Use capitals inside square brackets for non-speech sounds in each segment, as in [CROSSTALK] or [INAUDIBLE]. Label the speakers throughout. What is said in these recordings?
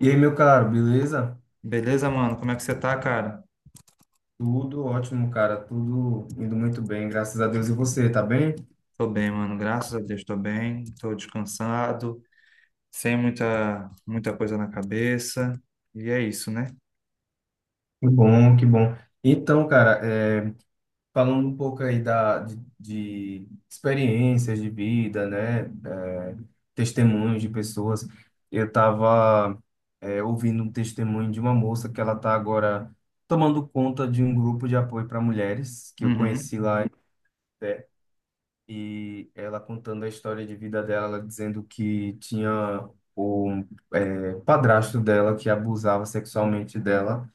Speaker 1: E aí, meu caro, beleza?
Speaker 2: Beleza, mano? Como é que você tá, cara?
Speaker 1: Tudo ótimo, cara. Tudo indo muito bem, graças a Deus. E você, tá bem?
Speaker 2: Tô bem, mano. Graças a Deus, tô bem. Tô descansado, sem muita, muita coisa na cabeça. E é isso, né?
Speaker 1: Que bom, que bom. Então, cara, falando um pouco aí de experiências de vida, né? É, testemunhos de pessoas. Eu tava ouvindo um testemunho de uma moça que ela tá agora tomando conta de um grupo de apoio para mulheres que eu
Speaker 2: Uhum,
Speaker 1: conheci lá. é, E ela contando a história de vida dela, ela dizendo que tinha o padrasto dela que abusava sexualmente dela,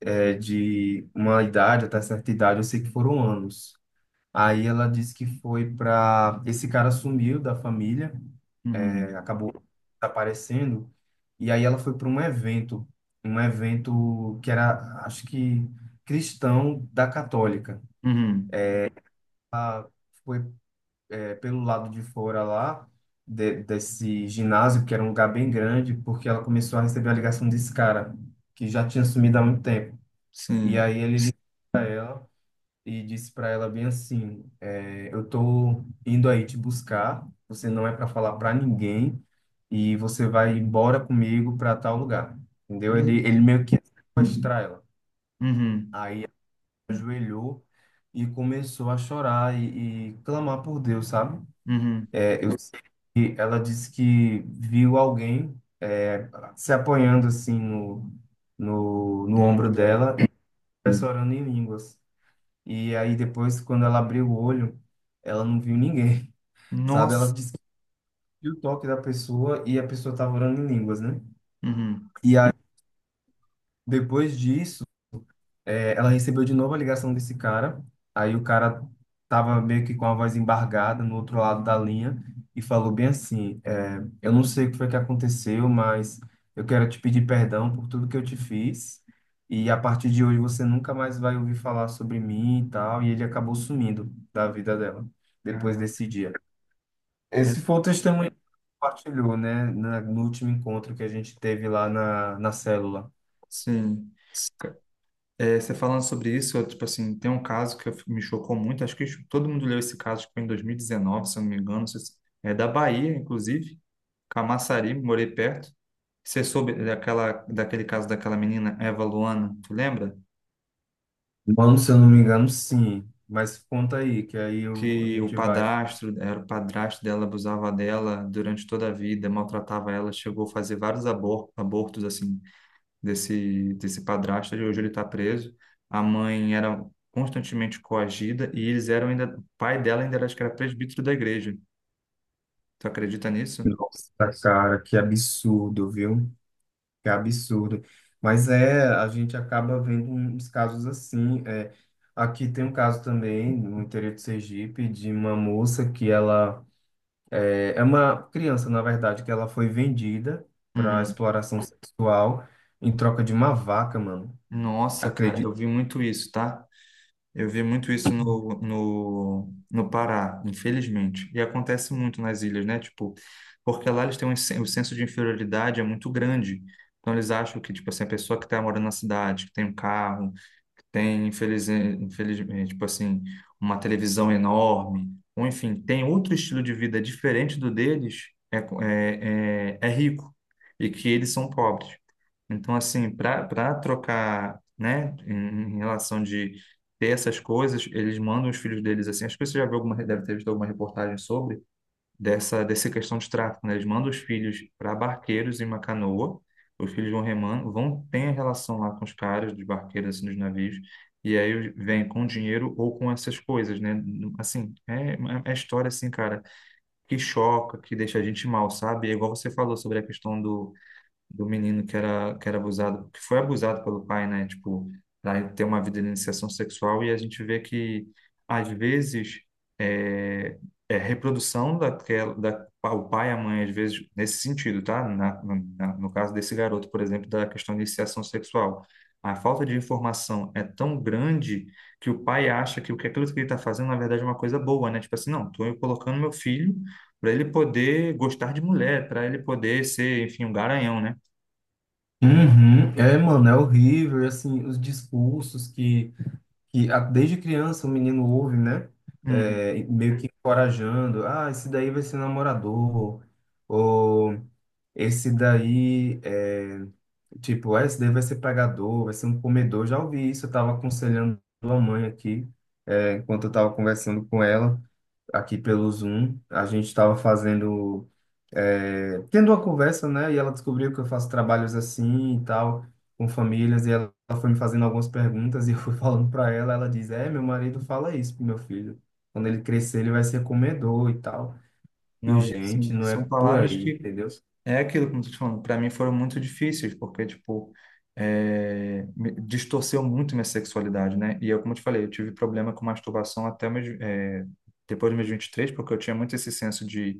Speaker 1: de uma idade até certa idade, eu sei que foram anos. Aí ela disse que foi para... Esse cara sumiu da família,
Speaker 2: uhum,
Speaker 1: acabou desaparecendo, e aí ela foi para um evento que era, acho que, cristão da católica.
Speaker 2: uhum.
Speaker 1: Foi pelo lado de fora lá desse ginásio, que era um lugar bem grande, porque ela começou a receber a ligação desse cara, que já tinha sumido há muito tempo. E
Speaker 2: Sim.
Speaker 1: aí ele ligou ela e disse para ela bem assim, é, eu tô indo aí te buscar, você não é para falar para ninguém e você vai embora comigo para tal lugar. Entendeu?
Speaker 2: Meu
Speaker 1: Ele
Speaker 2: Deus.
Speaker 1: meio que ia sequestrar ela.
Speaker 2: Uhum,
Speaker 1: Aí ela ajoelhou e começou a chorar e clamar por Deus, sabe?
Speaker 2: uhum.
Speaker 1: Ela disse que viu alguém, é, se apoiando assim no
Speaker 2: No ombro
Speaker 1: ombro
Speaker 2: dela.
Speaker 1: dela e começou orando em línguas. E aí depois, quando ela abriu o olho, ela não viu ninguém, [LAUGHS] sabe? Ela
Speaker 2: Nossa.
Speaker 1: disse que viu o toque da pessoa e a pessoa estava orando em línguas, né?
Speaker 2: Uhum.
Speaker 1: E aí, depois disso, é, ela recebeu de novo a ligação desse cara. Aí o cara tava meio que com a voz embargada no outro lado da linha e falou bem assim: eu não sei o que foi que aconteceu, mas eu quero te pedir perdão por tudo que eu te fiz. E a partir de hoje você nunca mais vai ouvir falar sobre mim e tal. E ele acabou sumindo da vida dela depois desse
Speaker 2: Caraca.
Speaker 1: dia.
Speaker 2: É,
Speaker 1: Esse foi o testemunho que compartilhou, né, no último encontro que a gente teve lá na célula.
Speaker 2: sim. Ca- É, você falando sobre isso, eu, tipo assim, tem um caso que me chocou muito. Acho que todo mundo leu esse caso, acho que foi em 2019, se eu não me engano. Não sei se- É da Bahia, inclusive Camaçari, morei perto. Você soube daquela, daquele caso daquela menina, Eva Luana, tu lembra?
Speaker 1: Mano, se eu não me engano, sim. Mas conta aí, que a
Speaker 2: Que o
Speaker 1: gente vai.
Speaker 2: padrasto, era o padrasto dela, abusava dela durante toda a vida, maltratava ela, chegou a fazer vários abortos, assim, desse padrasto, e hoje ele está preso. A mãe era constantemente coagida e eles eram ainda, o pai dela ainda era, acho que era presbítero da igreja. Tu acredita nisso?
Speaker 1: Nossa, cara, que absurdo, viu? Que absurdo. Mas é, a gente acaba vendo um, uns casos assim, é. Aqui tem um caso também, no interior de Sergipe, de uma moça que ela. É, é uma criança, na verdade, que ela foi vendida para
Speaker 2: Uhum.
Speaker 1: exploração sexual em troca de uma vaca, mano.
Speaker 2: Nossa, cara,
Speaker 1: Acredito.
Speaker 2: eu vi muito isso, tá? Eu vi muito isso no Pará, infelizmente. E acontece muito nas ilhas, né? Tipo, porque lá eles têm o senso de inferioridade é muito grande. Então eles acham que, tipo assim, a pessoa que está morando na cidade, que tem um carro, que tem, infelizmente, tipo assim, uma televisão enorme, ou enfim, tem outro estilo de vida diferente do deles, é rico. E que eles são pobres. Então, assim, para trocar, né, em relação de ter essas coisas, eles mandam os filhos deles assim. Acho que você já viu alguma, deve ter visto alguma reportagem sobre dessa questão de tráfico, né? Eles mandam os filhos para barqueiros em uma canoa, os filhos vão remando, vão ter a relação lá com os caras dos barqueiros, assim, dos navios, e aí vem com dinheiro ou com essas coisas, né? Assim, é história, assim, cara, que choca, que deixa a gente mal, sabe? É igual você falou sobre a questão do menino que era abusado, que foi abusado pelo pai, né? Tipo, para ter uma vida de iniciação sexual, e a gente vê que, às vezes, é, é reprodução daquela, da, o pai e a mãe, às vezes, nesse sentido, tá? No caso desse garoto, por exemplo, da questão de iniciação sexual. A falta de informação é tão grande que o pai acha que o que aquilo que ele está fazendo, na verdade, é uma coisa boa, né? Tipo assim, não, estou colocando meu filho para ele poder gostar de mulher, para ele poder ser, enfim, um garanhão, né?
Speaker 1: Uhum. É, mano, é horrível, e, assim, os discursos que desde criança o menino ouve, né?
Speaker 2: Uhum.
Speaker 1: Meio que encorajando, ah, esse daí vai ser namorador, ou esse daí é tipo, ah, esse daí vai ser pregador, vai ser um comedor. Já ouvi isso, eu estava aconselhando a mãe aqui, enquanto eu estava conversando com ela, aqui pelo Zoom, a gente estava fazendo, tendo uma conversa, né? E ela descobriu que eu faço trabalhos assim e tal, com famílias, e ela foi me fazendo algumas perguntas, [LAUGHS] e eu fui [LAUGHS] falando para ela, ela diz, é, meu marido fala isso pro meu filho. Quando ele crescer, ele vai ser comedor e tal. E o
Speaker 2: Não, e
Speaker 1: gente,
Speaker 2: assim,
Speaker 1: não é
Speaker 2: são
Speaker 1: por
Speaker 2: palavras
Speaker 1: aí,
Speaker 2: que
Speaker 1: entendeu?
Speaker 2: é aquilo, como você está falando, para mim foram muito difíceis, porque, tipo, distorceu muito minha sexualidade, né? E eu, como eu te falei, eu tive problema com masturbação até meus, depois dos meus 23 porque eu tinha muito esse senso de,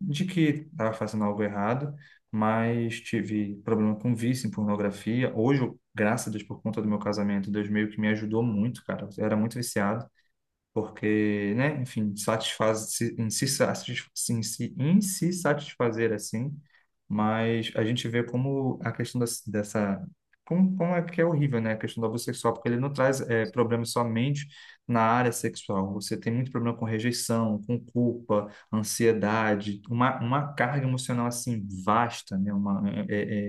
Speaker 2: de que estava fazendo algo errado, mas tive problema com vício em pornografia. Hoje, eu, graças a Deus, por conta do meu casamento, Deus meio que me ajudou muito, cara. Eu era muito viciado. Porque, né, enfim, satisfaz se- em se, satis- em se satisfazer assim, mas a gente vê como a questão dessa, como é que é horrível, né, a questão do abuso sexual, porque ele não traz problemas somente na área sexual, você tem muito problema com rejeição, com culpa, ansiedade, uma carga emocional assim vasta, né, uma, é, é,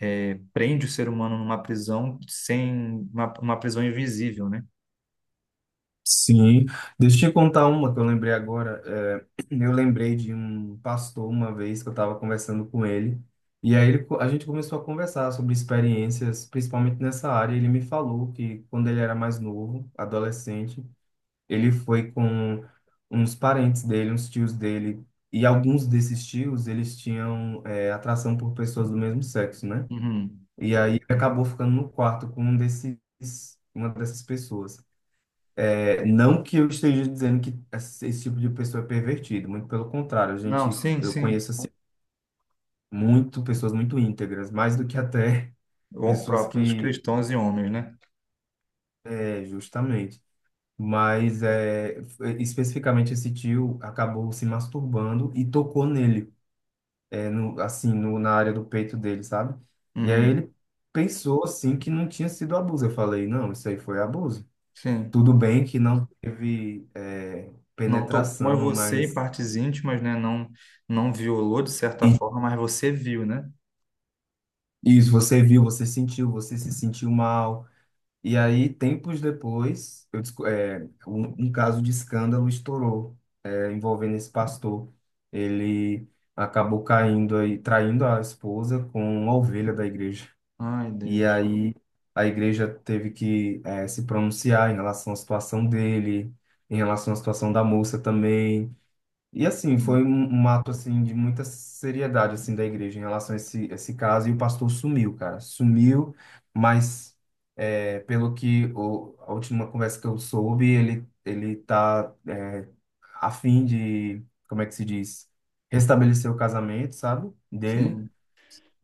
Speaker 2: é, é, prende o ser humano numa prisão sem, uma prisão invisível, né?
Speaker 1: Sim, deixa eu te contar uma que eu lembrei agora. É, [CLEARS THROAT] eu lembrei de um pastor uma vez que eu estava conversando com ele, e aí a gente começou a conversar sobre experiências, principalmente nessa área. Ele me falou que quando ele era mais novo, adolescente, ele foi com uns parentes dele, uns tios dele, e alguns desses tios eles tinham, é, atração por pessoas do mesmo sexo, né?
Speaker 2: Uhum.
Speaker 1: E aí ele acabou ficando no quarto com um desses, uma dessas pessoas. É, não que eu esteja dizendo que esse tipo de pessoa é pervertido, muito pelo contrário, a
Speaker 2: Não,
Speaker 1: gente,
Speaker 2: sim,
Speaker 1: eu
Speaker 2: sim.
Speaker 1: conheço assim, muito pessoas muito íntegras, mais do que até [LAUGHS] pessoas
Speaker 2: Próprios
Speaker 1: que,
Speaker 2: cristãos e homens, né?
Speaker 1: é, justamente, mas é, especificamente esse tio acabou se masturbando e tocou nele, é, no, assim, no, na área do peito dele, sabe? E aí
Speaker 2: Uhum,
Speaker 1: ele pensou assim que não tinha sido abuso. Eu falei, não, isso aí foi abuso.
Speaker 2: sim.
Speaker 1: Tudo bem que não teve, é,
Speaker 2: Não tocou em
Speaker 1: penetração,
Speaker 2: você em
Speaker 1: mas
Speaker 2: partes íntimas, né? Não, não violou de certa forma, mas você viu, né?
Speaker 1: isso, você viu, você sentiu, você se sentiu mal. E aí, tempos depois, eu um caso de escândalo estourou, é, envolvendo esse pastor. Ele acabou caindo aí, traindo a esposa com uma ovelha da igreja.
Speaker 2: Ai,
Speaker 1: E
Speaker 2: Deus.
Speaker 1: aí, a igreja teve que, é, se pronunciar em relação à situação dele, em relação à situação da moça também. E assim,
Speaker 2: Hum,
Speaker 1: foi um ato assim de muita seriedade assim da igreja em relação a esse caso e o pastor sumiu, cara. Sumiu, mas é, pelo que a última conversa que eu soube, ele tá a fim de, como é que se diz, restabelecer o casamento, sabe? Dele.
Speaker 2: Sim,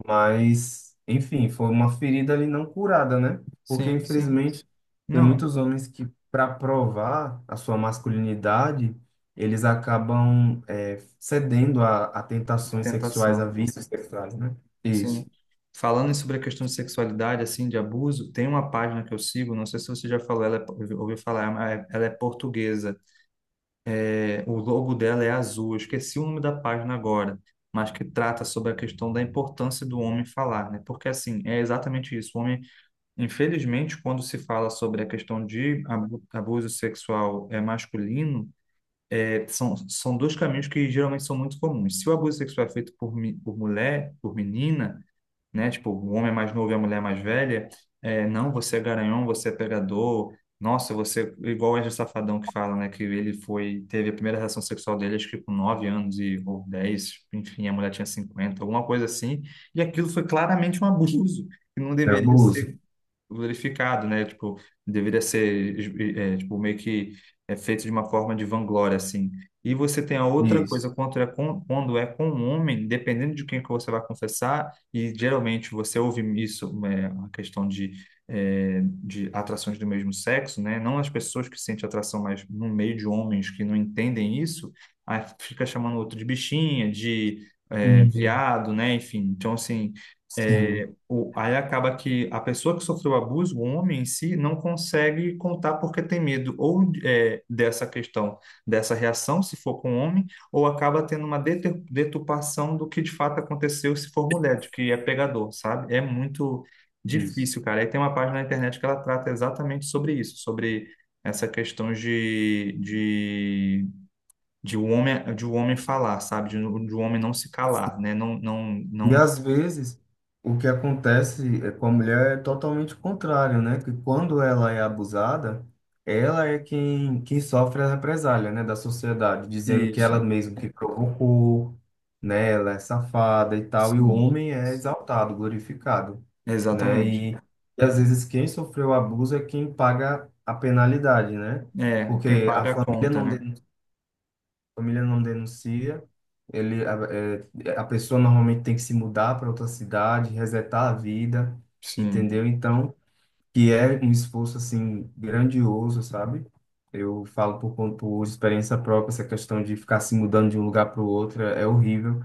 Speaker 1: Mas, enfim, foi uma ferida ali não curada, né? Porque,
Speaker 2: sim, sim.
Speaker 1: infelizmente, tem
Speaker 2: Não,
Speaker 1: muitos homens que, para provar a sua masculinidade, eles acabam, é, cedendo a
Speaker 2: uma
Speaker 1: tentações sexuais,
Speaker 2: tentação.
Speaker 1: a vícios sexuais, né?
Speaker 2: Sim.
Speaker 1: Isso.
Speaker 2: Falando sobre a questão de sexualidade, assim, de abuso, tem uma página que eu sigo, não sei se você já falou, ela é, ouviu falar, ela é portuguesa. O logo dela é azul, eu esqueci o nome da página agora, mas que trata sobre a questão da importância do homem falar, né? Porque assim, é exatamente isso. O homem, infelizmente, quando se fala sobre a questão de abuso sexual é masculino, são dois caminhos que geralmente são muito comuns. Se o abuso sexual é feito por mulher, por menina, né? Tipo, o homem é mais novo e a mulher é mais velha. É, não, você é garanhão, você é pegador. Nossa, você. Igual o Wesley Safadão que fala, né? Que ele foi. Teve a primeira relação sexual dele, acho que com 9 anos e, ou 10. Enfim, a mulher tinha 50 alguma coisa assim. E aquilo foi claramente um abuso. Que não
Speaker 1: É
Speaker 2: deveria
Speaker 1: abuso.
Speaker 2: ser glorificado, né? Tipo, deveria ser, tipo, meio que é feito de uma forma de vanglória, assim. E você tem a outra
Speaker 1: Isso.
Speaker 2: coisa, quando é com um homem, dependendo de quem que você vai confessar, e geralmente você ouve isso, uma questão de atrações do mesmo sexo, né? Não as pessoas que sentem atração, mas no meio de homens que não entendem isso, aí fica chamando o outro de bichinha,
Speaker 1: Uhum.
Speaker 2: viado, né? Enfim, então, assim,
Speaker 1: Sim,
Speaker 2: é, aí acaba que a pessoa que sofreu abuso, o homem em si, não consegue contar porque tem medo ou dessa questão, dessa reação, se for com homem, ou acaba tendo uma deturpação do que de fato aconteceu se for mulher, de que é pegador, sabe? É muito
Speaker 1: isso.
Speaker 2: difícil, cara. Aí tem uma página na internet que ela trata exatamente sobre isso, sobre essa questão de o homem falar, sabe? De o homem não se calar, né? Não, não,
Speaker 1: E
Speaker 2: não.
Speaker 1: às vezes o que acontece é com a mulher é totalmente o contrário, né? Que quando ela é abusada, ela é quem, quem sofre a represália, né, da sociedade, dizendo que ela
Speaker 2: Isso,
Speaker 1: mesma que provocou, né? Ela é safada e tal, e o
Speaker 2: sim.
Speaker 1: homem é exaltado, glorificado, né?
Speaker 2: Exatamente.
Speaker 1: E às vezes quem sofreu o abuso é quem paga a penalidade, né?
Speaker 2: É, quem
Speaker 1: Porque a
Speaker 2: paga a
Speaker 1: família
Speaker 2: conta,
Speaker 1: não
Speaker 2: né?
Speaker 1: denuncia, família não denuncia. A a pessoa normalmente tem que se mudar para outra cidade, resetar a vida, entendeu?
Speaker 2: Sim.
Speaker 1: Então, que é um esforço assim grandioso, sabe? Eu falo por, por experiência própria, essa questão de ficar se mudando de um lugar para o outro é horrível.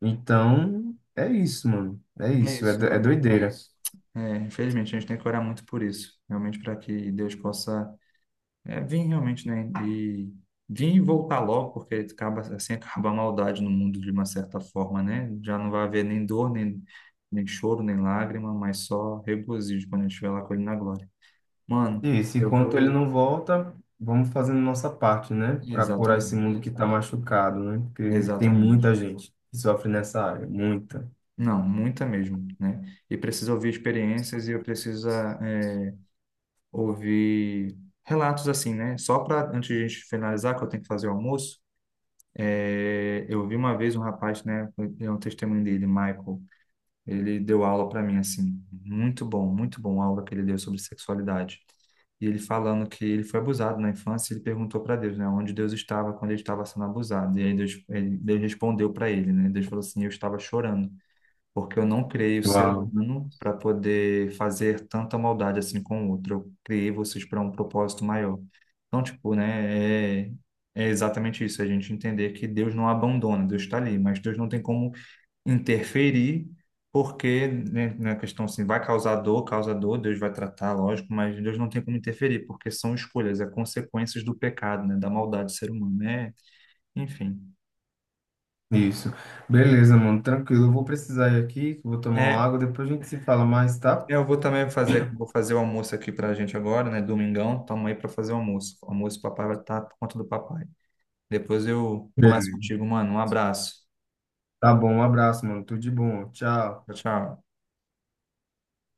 Speaker 1: Então, é isso, mano. É
Speaker 2: É
Speaker 1: isso,
Speaker 2: isso,
Speaker 1: é
Speaker 2: mano.
Speaker 1: doideira.
Speaker 2: É, infelizmente, a gente tem que orar muito por isso. Realmente, para que Deus possa vir realmente, né? E vir e voltar logo, porque acaba, assim acaba a maldade no mundo de uma certa forma, né? Já não vai haver nem dor, nem choro, nem lágrima, mas só regozijo quando a gente estiver lá com ele na glória. Mano,
Speaker 1: Isso,
Speaker 2: eu
Speaker 1: enquanto ele
Speaker 2: vou.
Speaker 1: não volta, vamos fazendo nossa parte, né? Para curar esse
Speaker 2: Exatamente.
Speaker 1: mundo que está machucado, né? Porque tem
Speaker 2: Exatamente.
Speaker 1: muita gente que sofre nessa área, muita.
Speaker 2: Não, muita mesmo, né? E precisa ouvir experiências e eu preciso ouvir relatos assim, né? Só para, antes de a gente finalizar, que eu tenho que fazer o almoço, eu vi uma vez um rapaz, né? É um testemunho dele, Michael. Ele deu aula para mim, assim, muito bom a aula que ele deu sobre sexualidade. E ele falando que ele foi abusado na infância, ele perguntou para Deus, né, onde Deus estava quando ele estava sendo abusado. E aí Deus, Deus respondeu para ele, né? Deus falou assim: Eu estava chorando porque eu não criei o ser
Speaker 1: Uau,
Speaker 2: humano para poder fazer tanta maldade assim com o outro. Eu criei vocês para um propósito maior. Então, tipo, né, é exatamente isso, a gente entender que Deus não abandona, Deus está ali, mas Deus não tem como interferir, porque, né, na questão assim, vai causar dor, causa dor, Deus vai tratar, lógico, mas Deus não tem como interferir, porque são escolhas, é consequências do pecado, né, da maldade do ser humano, né? Enfim.
Speaker 1: isso. Beleza, mano, tranquilo. Eu vou precisar ir aqui, vou tomar uma
Speaker 2: É,
Speaker 1: água, depois a gente se fala mais, tá?
Speaker 2: Eu vou também fazer aqui, vou fazer o almoço aqui pra gente agora, né? Domingão, estamos aí pra fazer o almoço. O almoço, o papai vai estar por conta do papai. Depois eu converso
Speaker 1: Beleza.
Speaker 2: contigo, mano. Um abraço.
Speaker 1: Tá bom, um abraço, mano. Tudo de bom. Tchau.
Speaker 2: Tchau, tchau.